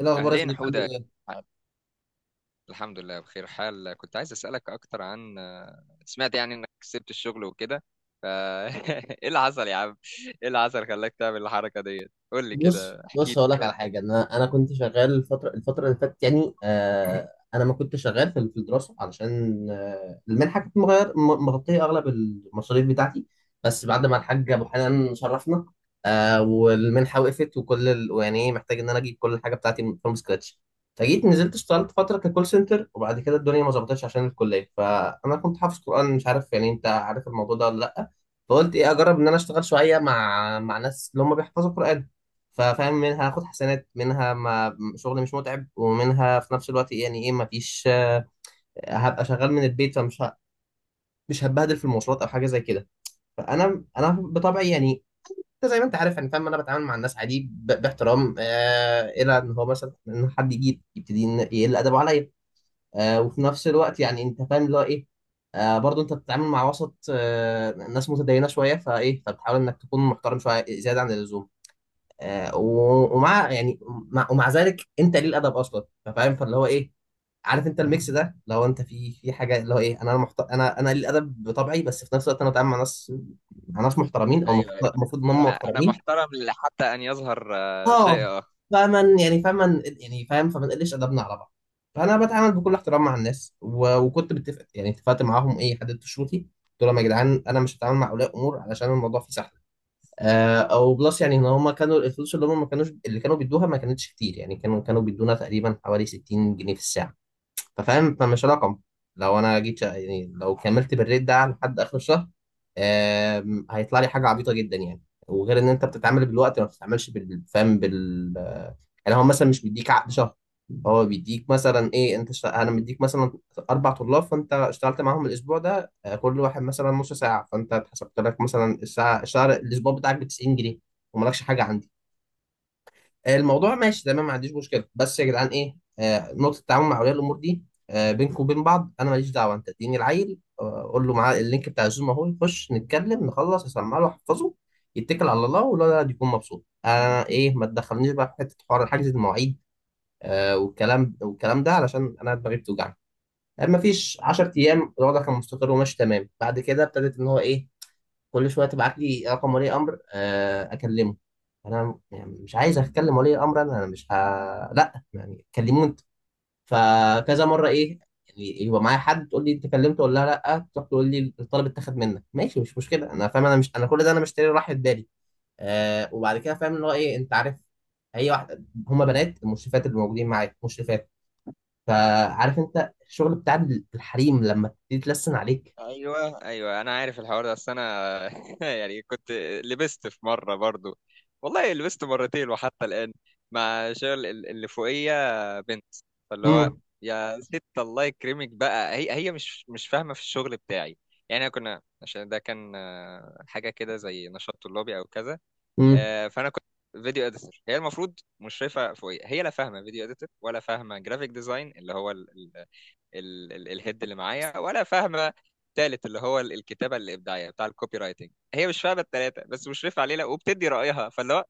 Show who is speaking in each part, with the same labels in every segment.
Speaker 1: إيه الأخبار يا
Speaker 2: أهلين
Speaker 1: صديقي
Speaker 2: حودة.
Speaker 1: عامل إيه؟
Speaker 2: الحمد لله، بخير حال. كنت عايز أسألك أكتر عن، سمعت يعني إنك سبت الشغل وكده، ف إيه اللي حصل يا عم؟ إيه اللي حصل خلاك تعمل الحركة ديت؟ قول لي
Speaker 1: بص
Speaker 2: كده، احكي لي
Speaker 1: بص، هقول لك على
Speaker 2: شوية.
Speaker 1: حاجه. انا كنت شغال الفتره اللي فاتت، يعني انا ما كنت شغال في الدراسه علشان المنحه كانت مغطيه اغلب المصاريف بتاعتي. بس بعد ما الحاج ابو حنان شرفنا، والمنحه وقفت يعني إيه، محتاج ان انا اجيب كل الحاجه بتاعتي فروم سكراتش. فجيت نزلت اشتغلت فتره ككول سنتر، وبعد كده الدنيا ما ظبطتش عشان الكليه. فانا كنت حافظ قران، مش عارف يعني، انت عارف الموضوع ده ولا لا؟ فقلت ايه، اجرب ان انا اشتغل شويه مع ناس اللي هم بيحفظوا قران. ففاهم، منها هاخد حسنات، منها ما شغل مش متعب، ومنها في نفس الوقت يعني ايه مفيش هبقى شغال من البيت، مش هتبهدل في المواصلات او حاجه زي كده. فانا بطبعي يعني، انت زي ما انت عارف يعني، فاهم، انا بتعامل مع الناس عادي باحترام، الى ان هو مثلا ان حد يجي يبتدي يقل ادبه عليا. وفي نفس الوقت يعني انت فاهم اللي هو ايه، برضه انت بتتعامل مع وسط ناس متدينه شويه، فايه، فبتحاول انك تكون محترم شويه زياده عن اللزوم. آه، و- ومع يعني ومع ذلك انت ليه الادب اصلا، فاهم، فاللي هو ايه. عارف انت الميكس ده؟ لو انت في حاجه اللي هو ايه، انا ليه الادب بطبعي، بس في نفس الوقت انا بتعامل مع ناس، مع ناس محترمين، او
Speaker 2: ايوه، ايوه.
Speaker 1: المفروض ان هم
Speaker 2: انا
Speaker 1: محترمين.
Speaker 2: محترم حتى ان يظهر
Speaker 1: اه.
Speaker 2: شيء.
Speaker 1: فمن يعني فمن يعني فاهم، فما نقلش ادبنا على بعض. فانا بتعامل بكل احترام مع الناس، وكنت متفق، يعني اتفقت معاهم، ايه، حددت شروطي، قلت لهم يا جدعان انا مش هتعامل مع اولياء امور علشان الموضوع فيه سحل. او بلس، يعني ان هم كانوا الفلوس اللي هم ما كانوش، اللي كانوا بيدوها ما كانتش كتير، يعني كانوا بيدونا تقريبا حوالي 60 جنيه في الساعه. ففاهم فمش رقم. لو انا جيت يعني، لو كملت بالريت ده لحد اخر الشهر، هيطلع لي حاجه عبيطه جدا يعني. وغير ان انت بتتعامل بالوقت ما بتتعاملش فاهم بال، يعني هو مثلا مش بيديك عقد شهر، هو بيديك مثلا ايه، انا مديك مثلا اربع طلاب، فانت اشتغلت معاهم الاسبوع ده، كل واحد مثلا نص ساعه، فانت اتحسبت لك مثلا الساعه الشهر الاسبوع بتاعك ب 90 جنيه. ومالكش حاجه عندي. الموضوع ماشي تمام، ما عنديش مشكله، بس يا جدعان ايه، نقطه التعامل مع اولياء الامور دي، بينكم وبين بعض انا ماليش دعوه، انت اديني العيل، قول له معاه اللينك بتاع الزوم اهو، يخش نتكلم نخلص، اسمع له احفظه، يتكل على الله والولد يكون مبسوط. انا ايه، ما تدخلنيش بقى في حته حوار حجز المواعيد والكلام والكلام ده علشان انا دماغي بتوجعني. يعني ما فيش 10 ايام الوضع كان مستقر وماشي تمام، بعد كده ابتدت ان هو ايه، كل شويه تبعت لي رقم ولي امر اكلمه. انا يعني مش عايز اتكلم ولي امر، انا انا مش ه... لا، يعني كلموه انت. فكذا مره ايه، يعني يبقى معايا حد، تقول لي انت كلمته ولا لا، تروح تقول لي الطلب اتاخد منك، ماشي مش مشكله، انا فاهم، انا مش انا كل ده انا مشتري راحه بالي. وبعد كده فاهم اللي هو ايه، انت عارف، هي واحده هما بنات المشرفات اللي موجودين معاك، مشرفات، فعارف انت الشغل بتاع الحريم لما تبتدي تلسن عليك.
Speaker 2: ايوه، ايوه، انا عارف الحوار ده. اصل انا يعني كنت لبست في مره برضو. والله لبست مرتين وحتى الان، مع شغل اللي فوقيه بنت. فاللي هو،
Speaker 1: امم،
Speaker 2: يا ست الله يكرمك بقى، هي مش فاهمه في الشغل بتاعي. يعني كنا، عشان ده كان حاجه كده زي نشاط طلابي او كذا.
Speaker 1: امم،
Speaker 2: فانا كنت فيديو اديتور. هي المفروض مشرفه فوقيه، هي لا فاهمه فيديو اديتور ولا فاهمه جرافيك ديزاين اللي هو الهيد اللي معايا، ولا فاهمه التالت اللي هو الكتابه الابداعيه بتاع الكوبي رايتنج. هي مش فاهمه التلاته بس مشرفه علينا وبتدي رايها. فاللي هو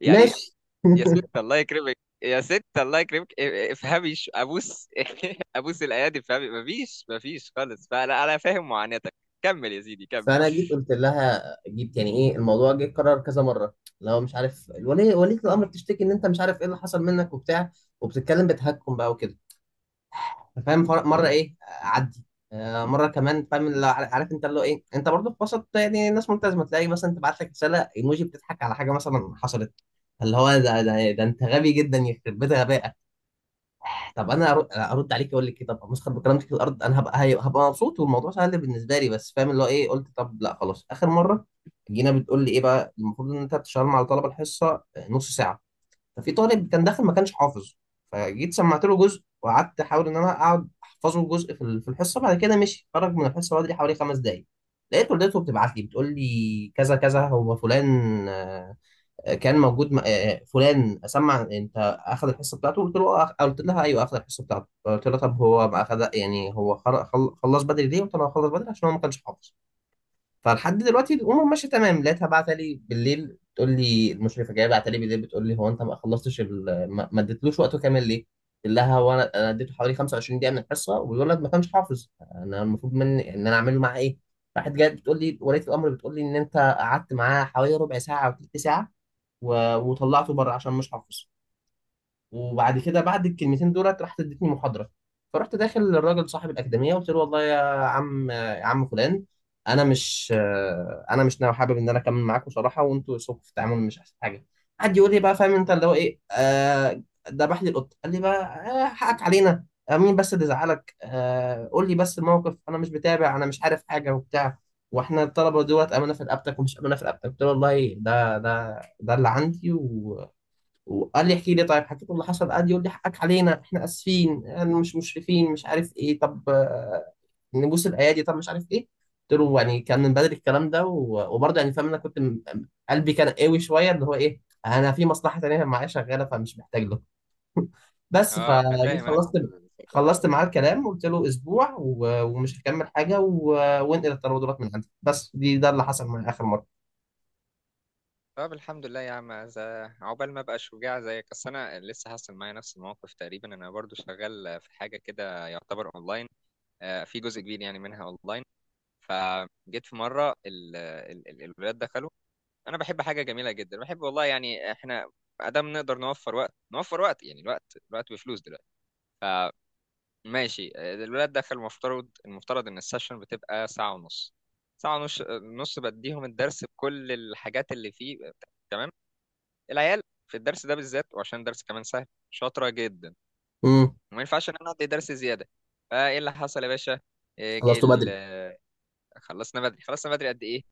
Speaker 2: يعني،
Speaker 1: ماشي.
Speaker 2: يا ست الله يكرمك، يا ست الله يكرمك، افهمي، ابوس، ابوس الايادي، افهمي، مفيش خالص. فانا فاهم معاناتك. كمل يا سيدي، كمل.
Speaker 1: فانا جيت قلت لها، جيت يعني ايه، الموضوع جه اتكرر كذا مره، لو مش عارف ولية الامر بتشتكي ان انت مش عارف ايه اللي حصل منك وبتاع، وبتتكلم بتهكم بقى وكده، فاهم، مره ايه عدي، مره كمان، فاهم اللي هو عارف، انت اللي هو ايه. انت برضه في وسط يعني ناس ملتزمه، تلاقي مثلا تبعت لك رساله ايموجي بتضحك على حاجه مثلا حصلت، اللي هو ده انت غبي جدا يخرب بيت غبائك. طب انا ارد عليك اقول لك كده، طب مسخر بكرامتك الارض، انا هبقى مبسوط والموضوع سهل بالنسبه لي، بس فاهم اللي هو ايه، قلت طب لا خلاص اخر مره. جينا بتقول لي ايه بقى، المفروض ان انت بتشتغل مع طلبه الحصه نص ساعه. ففي طالب كان داخل ما كانش حافظ، فجيت سمعت له جزء وقعدت احاول ان انا اقعد احفظه جزء في الحصه. بعد كده مشي، خرج من الحصه بدري حوالي خمس دقائق. لقيت والدته بتبعت لي بتقول لي كذا كذا، هو فلان كان موجود فلان سمع، انت اخذ الحصه بتاعته؟ قلت له آه، قلت لها ايوه اخذ الحصه بتاعته. قلت لها طب هو ما اخذ، يعني هو خلص بدري ليه؟ قلت لها هو خلص بدري عشان هو ما كانش حافظ. فلحد دلوقتي الامور ماشيه تمام. لقيتها بعتها لي بالليل تقول لي المشرفه جايه، بعتها لي بالليل بتقول لي، هو انت ما خلصتش ما اديتلوش وقته كامل ليه؟ قلت لها هو أنا اديته حوالي 25 دقيقه من الحصه، والولد ما كانش حافظ، انا المفروض مني ان انا اعمل له معاه ايه؟ راحت جايه بتقول لي ولية الامر بتقول لي ان انت قعدت معاه حوالي ربع ساعه او ثلث ساعه، وطلعته بره عشان مش حافظ، وبعد كده بعد الكلمتين دولت راحت ادتني محاضره. فرحت داخل للراجل صاحب الاكاديميه قلت له والله يا عم، يا عم فلان، انا مش انا مش ناوي، حابب ان انا اكمل معاكم صراحه، وانتوا اسلوبكم في التعامل مش احسن حاجه. قعد يقول لي بقى فاهم انت اللي هو ايه، ذبح لي القط، قال لي بقى حقك علينا، مين بس اللي زعلك، قول لي بس الموقف، انا مش بتابع، انا مش عارف حاجه وبتاع، واحنا الطلبه دولت امانه في رقبتك ومش امانه في رقبتك. قلت له والله ده اللي عندي، وقال لي احكي لي طيب، حكيت له اللي حصل، قال لي يقول لي حقك علينا، احنا اسفين، يعني مش مشرفين، مش عارف ايه، طب نبوس الايادي، طب مش عارف ايه. قلت له يعني كان من بدري الكلام ده وبرضه يعني فاهم، انا كنت قلبي كان قوي شويه اللي هو ايه، انا في مصلحه تانيه معايا شغاله فمش محتاج له. بس
Speaker 2: اه، انا فاهم،
Speaker 1: فجيت
Speaker 2: انا الفتره دي
Speaker 1: خلصت معاه
Speaker 2: صح.
Speaker 1: الكلام، وقلت له اسبوع ومش هكمل حاجه وانقل الترودلات من عندك بس، دي ده اللي حصل معايا اخر مره.
Speaker 2: طب الحمد لله يا عم، عقبال ما ابقى شجاع زيك. اصل انا لسه حاصل معايا نفس الموقف تقريبا، انا برضو شغال في حاجه كده يعتبر اونلاين. في جزء كبير يعني منها اونلاين. فجيت في مره الولاد دخلوا. انا بحب حاجه جميله جدا، بحب والله، يعني احنا ادام نقدر نوفر وقت، نوفر وقت، يعني الوقت، الوقت بفلوس دلوقتي. فماشي، الولاد دخلوا، المفترض ان السيشن بتبقى ساعه ونص. ساعه ونص، نص بديهم الدرس بكل الحاجات اللي فيه. تمام. العيال في الدرس ده بالذات، وعشان الدرس كمان سهل، شاطره جدا،
Speaker 1: امم
Speaker 2: وما ينفعش ان انا ادي درس زياده. فايه اللي حصل يا باشا؟ جه،
Speaker 1: خلصته بدري.
Speaker 2: خلصنا بدري. خلصنا بدري قد ايه؟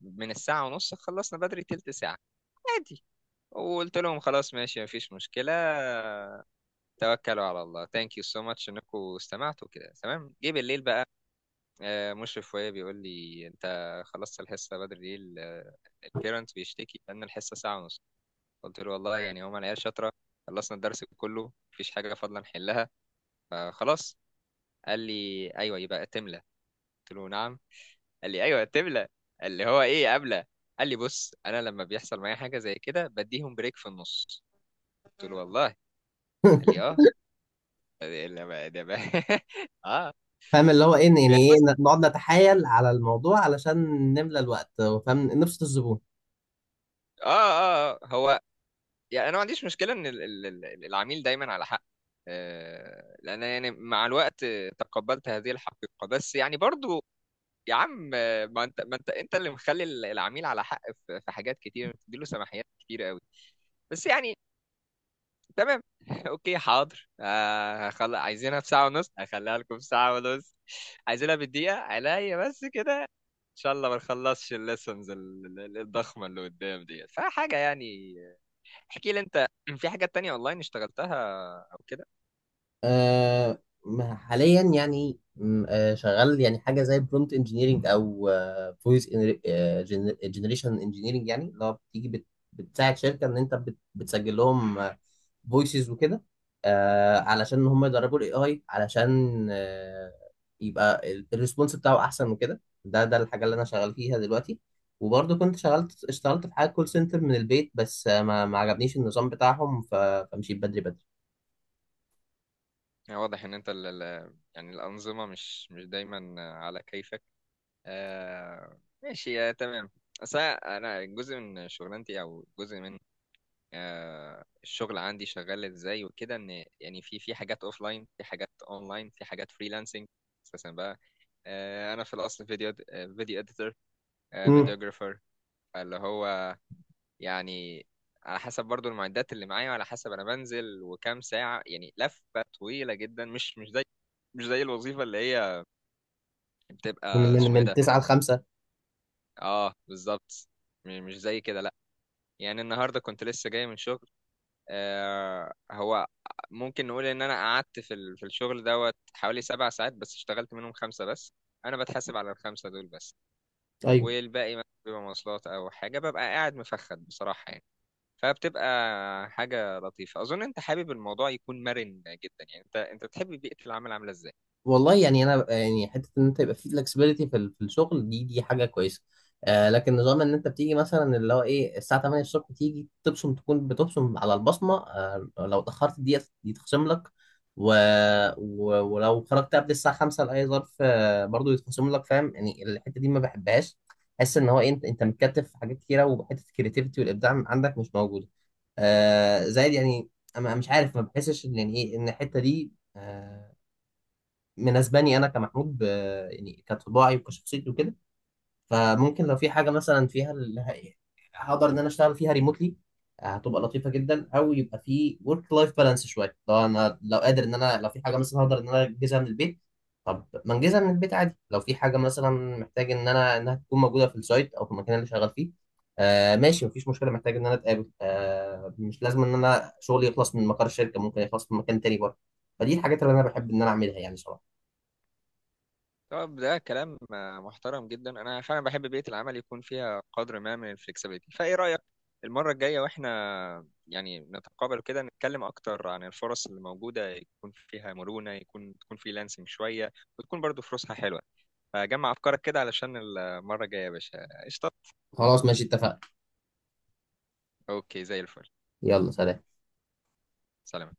Speaker 2: من الساعة ونص، خلصنا بدري تلت ساعة، عادي. وقلت لهم خلاص ماشي، مفيش مشكلة، توكلوا على الله، ثانك يو سو ماتش انكم استمعتوا كده، تمام. جه بالليل بقى، مشرف وهي بيقول لي، انت خلصت الحصة بدري ليه؟ البيرنت بيشتكي ان الحصه ساعه ونص. قلت له والله يعني هما العيال شاطره، خلصنا الدرس كله، مفيش حاجه فاضله نحلها، فخلاص. قال لي ايوه، يبقى تملى. قلت له نعم. قال لي ايوه، تبلة. اللي هو ايه قبلة؟ قال لي بص، انا لما بيحصل معايا حاجه زي كده بديهم بريك في النص. قلت له والله. قال لي اه. ده بقى، ده بقى، اه.
Speaker 1: فاهم اللي هو ايه
Speaker 2: يعني
Speaker 1: يعني ايه،
Speaker 2: بص.
Speaker 1: نقعد نتحايل على الموضوع علشان نملى الوقت، فاهم، نبسط الزبون.
Speaker 2: اه، اه، آه. هو يعني انا ما عنديش مشكله ان العميل دايما على حق. لان يعني مع الوقت، تقبلت هذه الحقيقه، بس يعني برضو يا عم، ما انت اللي مخلي العميل على حق. في حاجات كتير بتديله سماحيات كتير قوي. بس يعني تمام. اوكي، حاضر، عايزينها في ساعة ونص، هخليها لكم في ساعة ونص. عايزينها بالدقيقة عليا بس كده. ان شاء الله ما نخلصش الليسنز الضخمة اللي قدام ديت، فحاجة يعني. احكي لي انت، في حاجات تانية اونلاين اشتغلتها او كده؟
Speaker 1: حاليا يعني م، آه شغال يعني حاجه زي برومبت انجينيرنج او فويس جنريشن انجينيرنج، يعني اللي هو بتيجي بتساعد شركه ان انت بتسجل لهم فويسز وكده، علشان هم يدربوا الاي اي علشان يبقى الريسبونس بتاعه احسن وكده. ده الحاجه اللي انا شغال فيها دلوقتي. وبرضه كنت اشتغلت في حاجه كول سنتر من البيت بس، ما عجبنيش النظام بتاعهم فمشيت بدري،
Speaker 2: يعني واضح ان انت يعني الأنظمة مش دايما على كيفك. ماشي، تمام. أصل أنا جزء من شغلانتي، أو جزء من، الشغل عندي شغال ازاي وكده. ان يعني في حاجات اوف لاين، في حاجات اونلاين، في حاجات فريلانسنج اساسا بقى. انا في الاصل فيديو اديتور،
Speaker 1: بدري
Speaker 2: فيديوجرافر. اللي هو يعني، على حسب برضو المعدات اللي معايا، وعلى حسب انا بنزل وكام ساعة، يعني لفة طويلة جدا، مش زي الوظيفة اللي هي
Speaker 1: من
Speaker 2: بتبقى
Speaker 1: من
Speaker 2: اسمه ايه
Speaker 1: من
Speaker 2: ده.
Speaker 1: 9 ل 5.
Speaker 2: اه بالظبط، مش زي كده لا. يعني النهارده كنت لسه جاي من شغل، هو ممكن نقول ان انا قعدت في في الشغل دوت حوالي 7 ساعات، بس اشتغلت منهم 5 بس. انا بتحاسب على الخمسة دول بس.
Speaker 1: ايوه،
Speaker 2: والباقي مثلا بيبقى مواصلات او حاجة، ببقى قاعد مفخد بصراحة يعني. فبتبقى حاجة لطيفة. اظن انت حابب الموضوع يكون مرن جدا، يعني انت تحب بيئة العمل عاملة ازاي؟
Speaker 1: والله يعني انا يعني حته ان انت يبقى في فلكسبيتي في الشغل، دي حاجه كويسه، لكن نظام ان انت بتيجي مثلا اللي هو ايه الساعه 8 الصبح تيجي تبصم، تكون بتبصم على البصمه، لو اتاخرت دي تخصم لك، و... ولو خرجت قبل الساعه 5 لاي ظرف برضو يتخصم لك. فاهم، يعني الحته دي ما بحبهاش. حس ان هو إيه، انت متكتف في حاجات كتيره، وحته الكريتيفيتي والابداع عندك مش موجوده، زائد يعني. انا مش عارف، ما بحسش ان يعني ايه، ان الحته دي مناسباني انا كمحمود يعني كطباعي وكشخصيتي وكده. فممكن لو في حاجه مثلا فيها هقدر ان انا اشتغل فيها ريموتلي، هتبقى لطيفه جدا، او يبقى في ورك لايف بالانس شويه. لو انا لو قادر ان انا، لو في حاجه مثلا هقدر ان انا انجزها من البيت، طب ما انجزها من البيت عادي. لو في حاجه مثلا محتاج ان انا انها تكون موجوده في السايت او في المكان اللي شغال فيه، ماشي مفيش مشكله، محتاج ان انا اتقابل، مش لازم ان انا شغلي يخلص من مقر الشركه، ممكن يخلص من مكان تاني برضه. فدي الحاجات اللي انا بحب ان انا اعملها يعني، صراحه.
Speaker 2: طب ده كلام محترم جدا. انا فعلا بحب بيئه العمل يكون فيها قدر ما من الفلكسبيتي. فايه رايك، المره الجايه واحنا يعني نتقابل كده، نتكلم اكتر عن الفرص اللي موجوده يكون فيها مرونه، تكون فريلانسنج شويه، وتكون برضو فلوسها حلوه. فجمع افكارك كده علشان المره الجايه يا باشا، قشطه.
Speaker 1: خلاص ماشي، اتفقنا.
Speaker 2: اوكي، زي الفل.
Speaker 1: يلا سلام.
Speaker 2: سلام.